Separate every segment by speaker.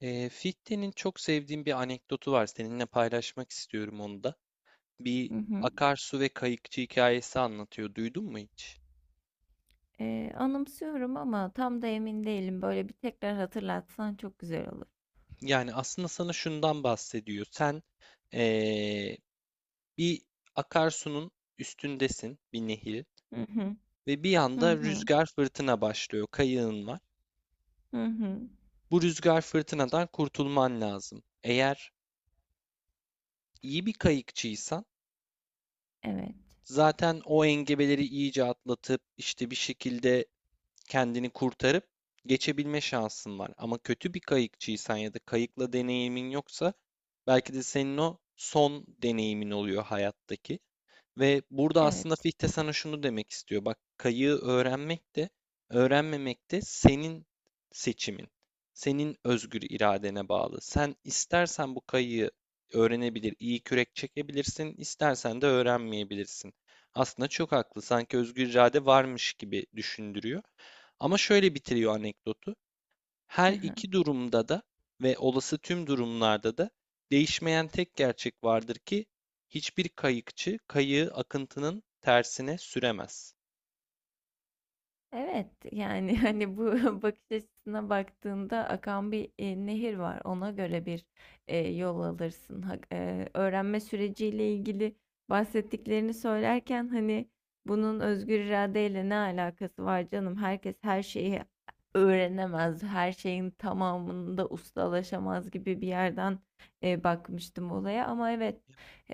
Speaker 1: Fichte'nin çok sevdiğim bir anekdotu var. Seninle paylaşmak istiyorum onu da. Bir
Speaker 2: Hı hı.
Speaker 1: akarsu ve kayıkçı hikayesi anlatıyor. Duydun mu hiç?
Speaker 2: Anımsıyorum ama tam da emin değilim. Böyle bir tekrar hatırlatsan çok güzel olur.
Speaker 1: Yani aslında sana şundan bahsediyor. Sen ee, bir akarsunun üstündesin, bir nehir
Speaker 2: Hı hı.
Speaker 1: ve bir
Speaker 2: Hı
Speaker 1: anda
Speaker 2: hı.
Speaker 1: rüzgar fırtına başlıyor. Kayığın var.
Speaker 2: Hı hı.
Speaker 1: Bu rüzgar fırtınadan kurtulman lazım. Eğer iyi bir kayıkçıysan
Speaker 2: Evet.
Speaker 1: zaten o engebeleri iyice atlatıp işte bir şekilde kendini kurtarıp geçebilme şansın var. Ama kötü bir kayıkçıysan ya da kayıkla deneyimin yoksa belki de senin o son deneyimin oluyor hayattaki. Ve burada aslında
Speaker 2: Evet.
Speaker 1: Fichte sana şunu demek istiyor. Bak kayığı öğrenmek de öğrenmemek de senin seçimin. Senin özgür iradene bağlı. Sen istersen bu kayığı öğrenebilir, iyi kürek çekebilirsin, istersen de öğrenmeyebilirsin. Aslında çok haklı. Sanki özgür irade varmış gibi düşündürüyor. Ama şöyle bitiriyor anekdotu.
Speaker 2: Hı
Speaker 1: Her
Speaker 2: hı.
Speaker 1: iki durumda da ve olası tüm durumlarda da değişmeyen tek gerçek vardır ki hiçbir kayıkçı kayığı akıntının tersine süremez.
Speaker 2: Evet, yani hani bu bakış açısına baktığında akan bir nehir var. Ona göre bir yol alırsın. Öğrenme süreciyle ilgili bahsettiklerini söylerken hani bunun özgür iradeyle ne alakası var canım? Herkes her şeyi öğrenemez, her şeyin tamamında ustalaşamaz gibi bir yerden bakmıştım olaya. Ama evet,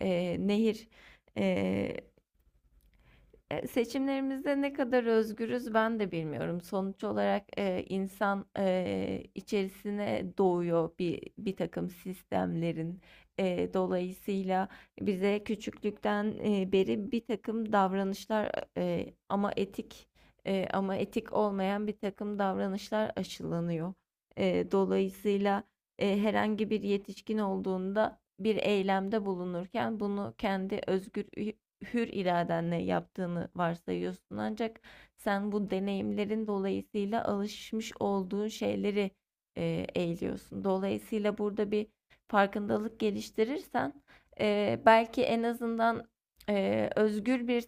Speaker 2: nehir. e, Seçimlerimizde ne kadar özgürüz ben de bilmiyorum. Sonuç olarak insan içerisine doğuyor bir takım sistemlerin. Dolayısıyla bize küçüklükten beri bir takım davranışlar, ama etik, ama etik olmayan bir takım davranışlar aşılanıyor. Dolayısıyla herhangi bir yetişkin olduğunda bir eylemde bulunurken bunu kendi özgür hür iradenle yaptığını varsayıyorsun. Ancak sen bu deneyimlerin dolayısıyla alışmış olduğun şeyleri eğiliyorsun. Dolayısıyla burada bir farkındalık geliştirirsen belki en azından özgür bir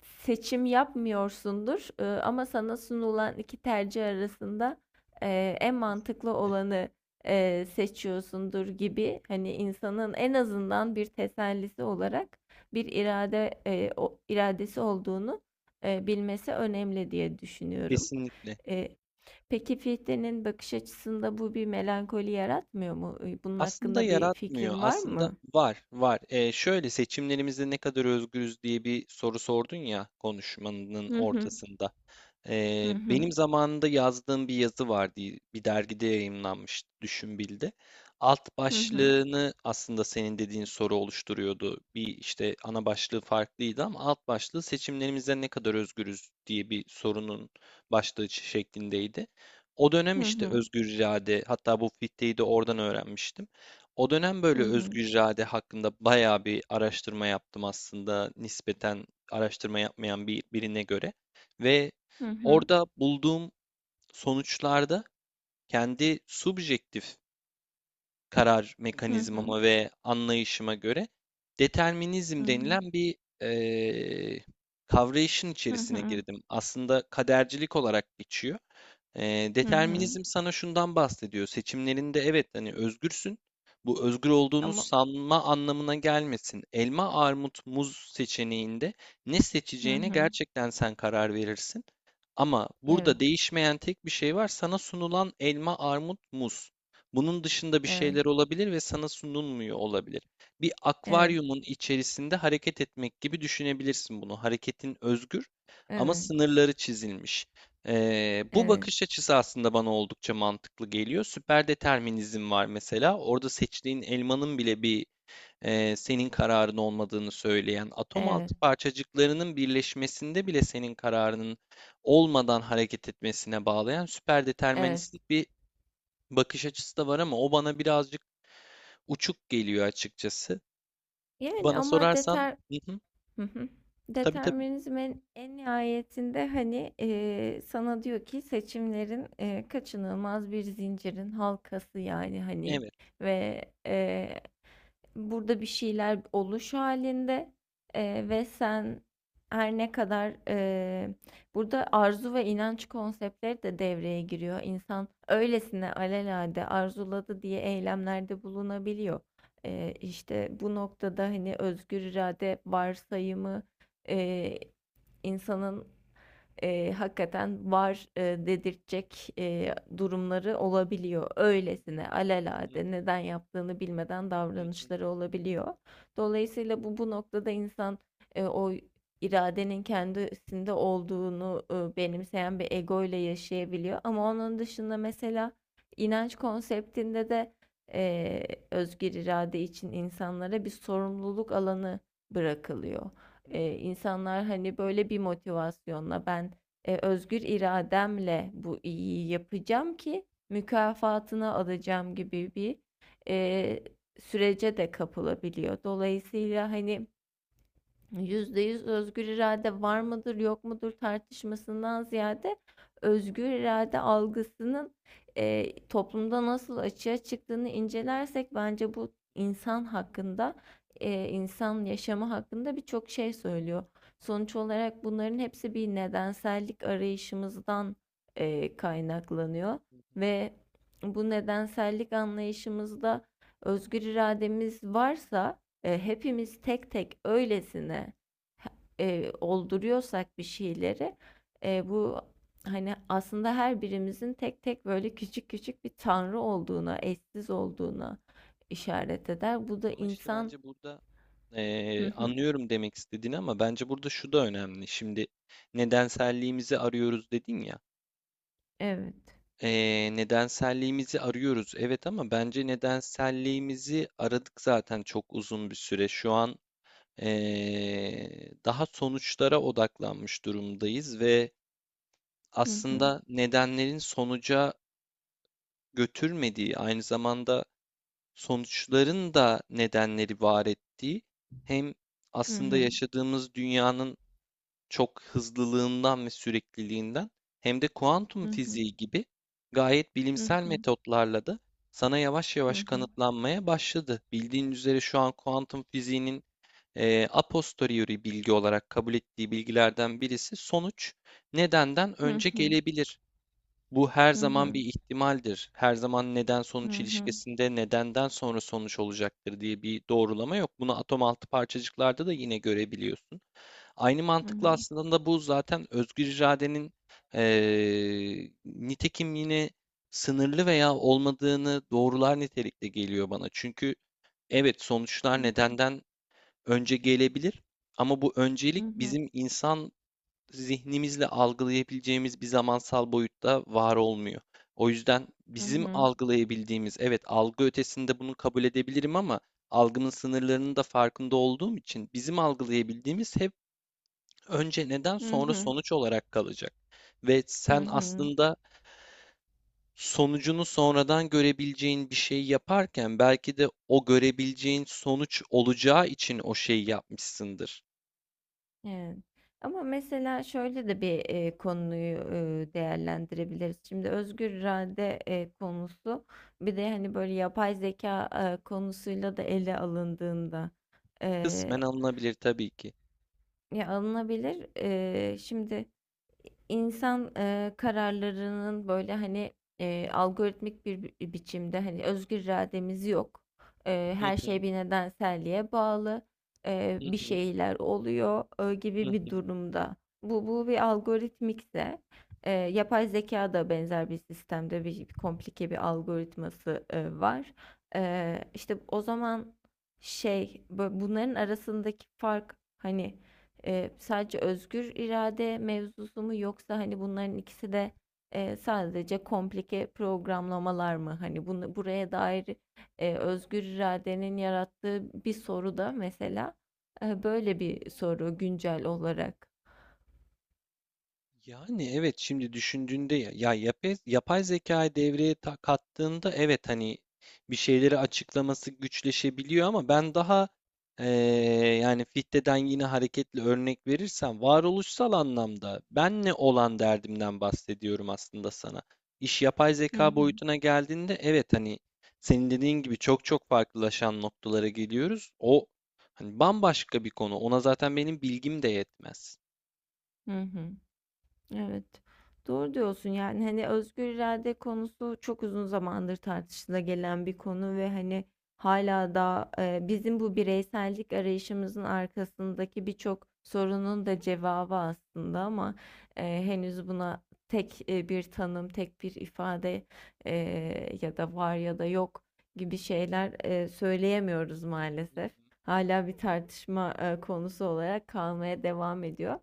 Speaker 2: seçim yapmıyorsundur. Ama sana sunulan iki tercih arasında en mantıklı olanı seçiyorsundur gibi hani insanın en azından bir tesellisi olarak bir irade, o iradesi olduğunu bilmesi önemli diye düşünüyorum.
Speaker 1: Kesinlikle.
Speaker 2: E, peki Fichte'nin bakış açısında bu bir melankoli yaratmıyor mu? Bunun
Speaker 1: Aslında
Speaker 2: hakkında bir
Speaker 1: yaratmıyor.
Speaker 2: fikrin var
Speaker 1: Aslında
Speaker 2: mı?
Speaker 1: var, var. Şöyle seçimlerimizde ne kadar özgürüz diye bir soru sordun ya konuşmanın
Speaker 2: Hı hı.
Speaker 1: ortasında.
Speaker 2: Hı hı.
Speaker 1: Benim zamanında yazdığım bir yazı vardı. Bir dergide yayımlanmıştı, Düşünbil'de. Alt
Speaker 2: Hı hı.
Speaker 1: başlığını aslında senin dediğin soru oluşturuyordu. Bir işte ana başlığı farklıydı ama alt başlığı seçimlerimizde ne kadar özgürüz diye bir sorunun başlığı şeklindeydi. O dönem
Speaker 2: Hı
Speaker 1: işte
Speaker 2: hı.
Speaker 1: özgür irade, hatta bu fitteyi de oradan öğrenmiştim. O dönem böyle
Speaker 2: Hı hı.
Speaker 1: özgür irade hakkında bayağı bir araştırma yaptım aslında nispeten araştırma yapmayan birine göre. Ve
Speaker 2: Hı hı.
Speaker 1: orada bulduğum sonuçlarda kendi subjektif karar
Speaker 2: Hı hı.
Speaker 1: mekanizmama ve anlayışıma göre
Speaker 2: Hı
Speaker 1: determinizm
Speaker 2: hı.
Speaker 1: denilen bir eee kavrayışın
Speaker 2: Hı
Speaker 1: içerisine
Speaker 2: hı.
Speaker 1: girdim. Aslında kadercilik olarak geçiyor.
Speaker 2: Hı hı.
Speaker 1: Determinizm sana şundan bahsediyor. Seçimlerinde evet hani özgürsün. Bu özgür olduğunu
Speaker 2: Ama
Speaker 1: sanma anlamına gelmesin. Elma, armut, muz seçeneğinde ne
Speaker 2: hı
Speaker 1: seçeceğine
Speaker 2: hı.
Speaker 1: gerçekten sen karar verirsin. Ama
Speaker 2: Evet.
Speaker 1: burada değişmeyen tek bir şey var. Sana sunulan elma, armut, muz. Bunun dışında bir
Speaker 2: Evet.
Speaker 1: şeyler olabilir ve sana sunulmuyor olabilir. Bir
Speaker 2: Evet.
Speaker 1: akvaryumun içerisinde hareket etmek gibi düşünebilirsin bunu. Hareketin özgür
Speaker 2: Evet.
Speaker 1: ama
Speaker 2: Evet.
Speaker 1: sınırları çizilmiş. Bu
Speaker 2: Evet.
Speaker 1: bakış açısı aslında bana oldukça mantıklı geliyor. Süper determinizm var mesela. Orada seçtiğin elmanın bile bir senin kararın olmadığını söyleyen, atom
Speaker 2: Evet.
Speaker 1: altı parçacıklarının birleşmesinde bile senin kararının olmadan hareket etmesine bağlayan süper
Speaker 2: Evet.
Speaker 1: deterministik bir bakış açısı da var ama o bana birazcık uçuk geliyor açıkçası.
Speaker 2: Yani
Speaker 1: Bana
Speaker 2: ama
Speaker 1: sorarsan,
Speaker 2: deter
Speaker 1: hı hı,
Speaker 2: Hı hı.
Speaker 1: tabii tabii,
Speaker 2: Determinizmin en nihayetinde, hani, sana diyor ki seçimlerin, kaçınılmaz bir zincirin halkası, yani, hani,
Speaker 1: evet.
Speaker 2: ve, burada bir şeyler oluş halinde, ve sen her ne kadar, burada arzu ve inanç konseptleri de devreye giriyor. İnsan öylesine alelade arzuladı diye eylemlerde bulunabiliyor. İşte bu noktada hani özgür irade varsayımı, eee, insanın hakikaten var dedirtecek durumları olabiliyor. Öylesine
Speaker 1: Hı
Speaker 2: alelade neden yaptığını bilmeden
Speaker 1: hı hı
Speaker 2: davranışları olabiliyor. Dolayısıyla bu noktada insan o iradenin kendisinde olduğunu benimseyen bir ego ile yaşayabiliyor. Ama onun dışında mesela inanç konseptinde de özgür irade için insanlara bir sorumluluk alanı bırakılıyor.
Speaker 1: hı.
Speaker 2: İnsanlar, hani, böyle bir motivasyonla ben, özgür irademle bu iyiyi yapacağım ki mükafatını alacağım gibi bir eee, sürece de kapılabiliyor. Dolayısıyla, hani, %100 özgür irade var mıdır yok mudur tartışmasından ziyade özgür irade algısının toplumda nasıl açığa çıktığını incelersek bence bu insan hakkında, insan yaşamı hakkında birçok şey söylüyor. Sonuç olarak bunların hepsi bir nedensellik arayışımızdan kaynaklanıyor ve bu nedensellik anlayışımızda özgür irademiz varsa, hepimiz tek tek öylesine olduruyorsak bir şeyleri, bu hani aslında her birimizin tek tek böyle küçük küçük bir tanrı olduğuna, eşsiz olduğuna işaret eder. Bu da
Speaker 1: Ama işte
Speaker 2: insan.
Speaker 1: bence burada
Speaker 2: Hı hı.
Speaker 1: anlıyorum demek istediğini ama bence burada şu da önemli. Şimdi nedenselliğimizi arıyoruz dedin ya.
Speaker 2: Evet.
Speaker 1: Nedenselliğimizi arıyoruz evet ama bence nedenselliğimizi aradık zaten çok uzun bir süre. Şu an daha sonuçlara odaklanmış durumdayız ve
Speaker 2: Hı hı.
Speaker 1: aslında nedenlerin sonuca götürmediği aynı zamanda sonuçların da nedenleri var ettiği hem
Speaker 2: Hı
Speaker 1: aslında
Speaker 2: hı.
Speaker 1: yaşadığımız dünyanın çok hızlılığından ve sürekliliğinden hem de
Speaker 2: Hı
Speaker 1: kuantum
Speaker 2: hı.
Speaker 1: fiziği gibi gayet
Speaker 2: Hı
Speaker 1: bilimsel
Speaker 2: hı.
Speaker 1: metotlarla da sana yavaş yavaş kanıtlanmaya başladı. Bildiğin üzere şu an kuantum fiziğinin a posteriori bilgi olarak kabul ettiği bilgilerden birisi sonuç nedenden
Speaker 2: Hı
Speaker 1: önce
Speaker 2: hı.
Speaker 1: gelebilir. Bu her
Speaker 2: Hı
Speaker 1: zaman
Speaker 2: hı.
Speaker 1: bir ihtimaldir. Her zaman neden
Speaker 2: Hı
Speaker 1: sonuç
Speaker 2: hı.
Speaker 1: ilişkisinde nedenden sonra sonuç olacaktır diye bir doğrulama yok. Bunu atom altı parçacıklarda da yine görebiliyorsun. Aynı
Speaker 2: Hı
Speaker 1: mantıkla
Speaker 2: hı.
Speaker 1: aslında bu zaten özgür iradenin nitekimliğini sınırlı veya olmadığını doğrular nitelikte geliyor bana. Çünkü evet sonuçlar nedenden önce gelebilir ama bu
Speaker 2: Hı
Speaker 1: öncelik
Speaker 2: hı.
Speaker 1: bizim insan zihnimizle algılayabileceğimiz bir zamansal boyutta var olmuyor. O yüzden
Speaker 2: Hı
Speaker 1: bizim
Speaker 2: hı.
Speaker 1: algılayabildiğimiz, evet algı ötesinde bunu kabul edebilirim ama algımın sınırlarının da farkında olduğum için bizim algılayabildiğimiz hep önce neden
Speaker 2: Hı
Speaker 1: sonra
Speaker 2: hı.
Speaker 1: sonuç olarak kalacak. Ve
Speaker 2: Hı hı.
Speaker 1: sen
Speaker 2: Hı hı. Hı hı.
Speaker 1: aslında sonucunu sonradan görebileceğin bir şey yaparken belki de o görebileceğin sonuç olacağı için o şeyi yapmışsındır.
Speaker 2: Evet. Ama mesela şöyle de bir konuyu değerlendirebiliriz. Şimdi özgür irade konusu bir de hani böyle yapay zeka konusuyla da ele alındığında, e,
Speaker 1: Kısmen alınabilir tabii ki.
Speaker 2: ya alınabilir. Şimdi insan kararlarının böyle hani algoritmik bir biçimde, hani özgür irademiz yok. E,
Speaker 1: Hı
Speaker 2: her
Speaker 1: hı,
Speaker 2: şey bir nedenselliğe bağlı. e,
Speaker 1: hı
Speaker 2: bir
Speaker 1: hı,
Speaker 2: şeyler oluyor
Speaker 1: hı
Speaker 2: gibi bir
Speaker 1: hı.
Speaker 2: durumda. Bu bir algoritmikse, yapay zeka da benzer bir sistemde bir komplike bir algoritması var. E, işte o zaman şey, bunların arasındaki fark hani, sadece özgür irade mevzusu mu yoksa hani bunların ikisi de sadece komplike programlamalar mı? Hani bunu buraya dair özgür iradenin yarattığı bir soru da, mesela böyle bir soru güncel olarak.
Speaker 1: Yani evet şimdi düşündüğünde ya yapay zekayı devreye kattığında evet hani bir şeyleri açıklaması güçleşebiliyor ama ben daha eee, yani Fichte'den yine hareketli örnek verirsem varoluşsal anlamda benle olan derdimden bahsediyorum aslında sana. İş yapay
Speaker 2: Hı
Speaker 1: zeka
Speaker 2: hı.
Speaker 1: boyutuna geldiğinde evet hani senin dediğin gibi çok çok farklılaşan noktalara geliyoruz. O hani bambaşka bir konu. Ona zaten benim bilgim de yetmez.
Speaker 2: Hı hı. Evet. Doğru diyorsun, yani hani özgür irade konusu çok uzun zamandır tartışıla gelen bir konu ve hani hala da bizim bu bireysellik arayışımızın arkasındaki birçok sorunun da cevabı aslında, ama henüz buna tek bir tanım, tek bir ifade, e, ya da var ya da yok gibi şeyler söyleyemiyoruz
Speaker 1: Hı
Speaker 2: maalesef.
Speaker 1: hı,
Speaker 2: Hala bir tartışma konusu olarak kalmaya
Speaker 1: hı.
Speaker 2: devam ediyor.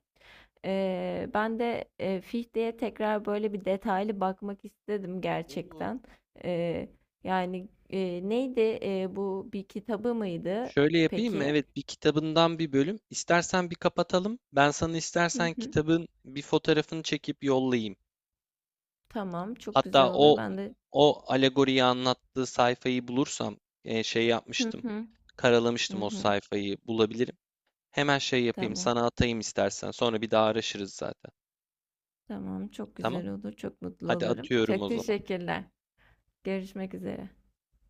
Speaker 2: Ben de Fichte'ye tekrar böyle bir detaylı bakmak istedim
Speaker 1: Olur.
Speaker 2: gerçekten. Eee, yani neydi, bu bir kitabı mıydı
Speaker 1: Şöyle yapayım mı?
Speaker 2: peki?
Speaker 1: Evet, bir kitabından bir bölüm. İstersen bir kapatalım. Ben sana
Speaker 2: Hı
Speaker 1: istersen
Speaker 2: hı.
Speaker 1: kitabın bir fotoğrafını çekip yollayayım.
Speaker 2: Tamam, çok güzel
Speaker 1: Hatta
Speaker 2: olur.
Speaker 1: o
Speaker 2: Ben de
Speaker 1: o alegoriyi anlattığı sayfayı bulursam şey
Speaker 2: hı
Speaker 1: yapmıştım.
Speaker 2: hı hı
Speaker 1: Karalamıştım o
Speaker 2: hı.
Speaker 1: sayfayı bulabilirim. Hemen şey yapayım,
Speaker 2: Tamam.
Speaker 1: sana atayım istersen. Sonra bir daha araşırız zaten.
Speaker 2: Tamam, çok
Speaker 1: Tamam?
Speaker 2: güzel olur. Çok mutlu
Speaker 1: Hadi
Speaker 2: olurum.
Speaker 1: atıyorum
Speaker 2: Çok
Speaker 1: o zaman.
Speaker 2: teşekkürler. Görüşmek üzere.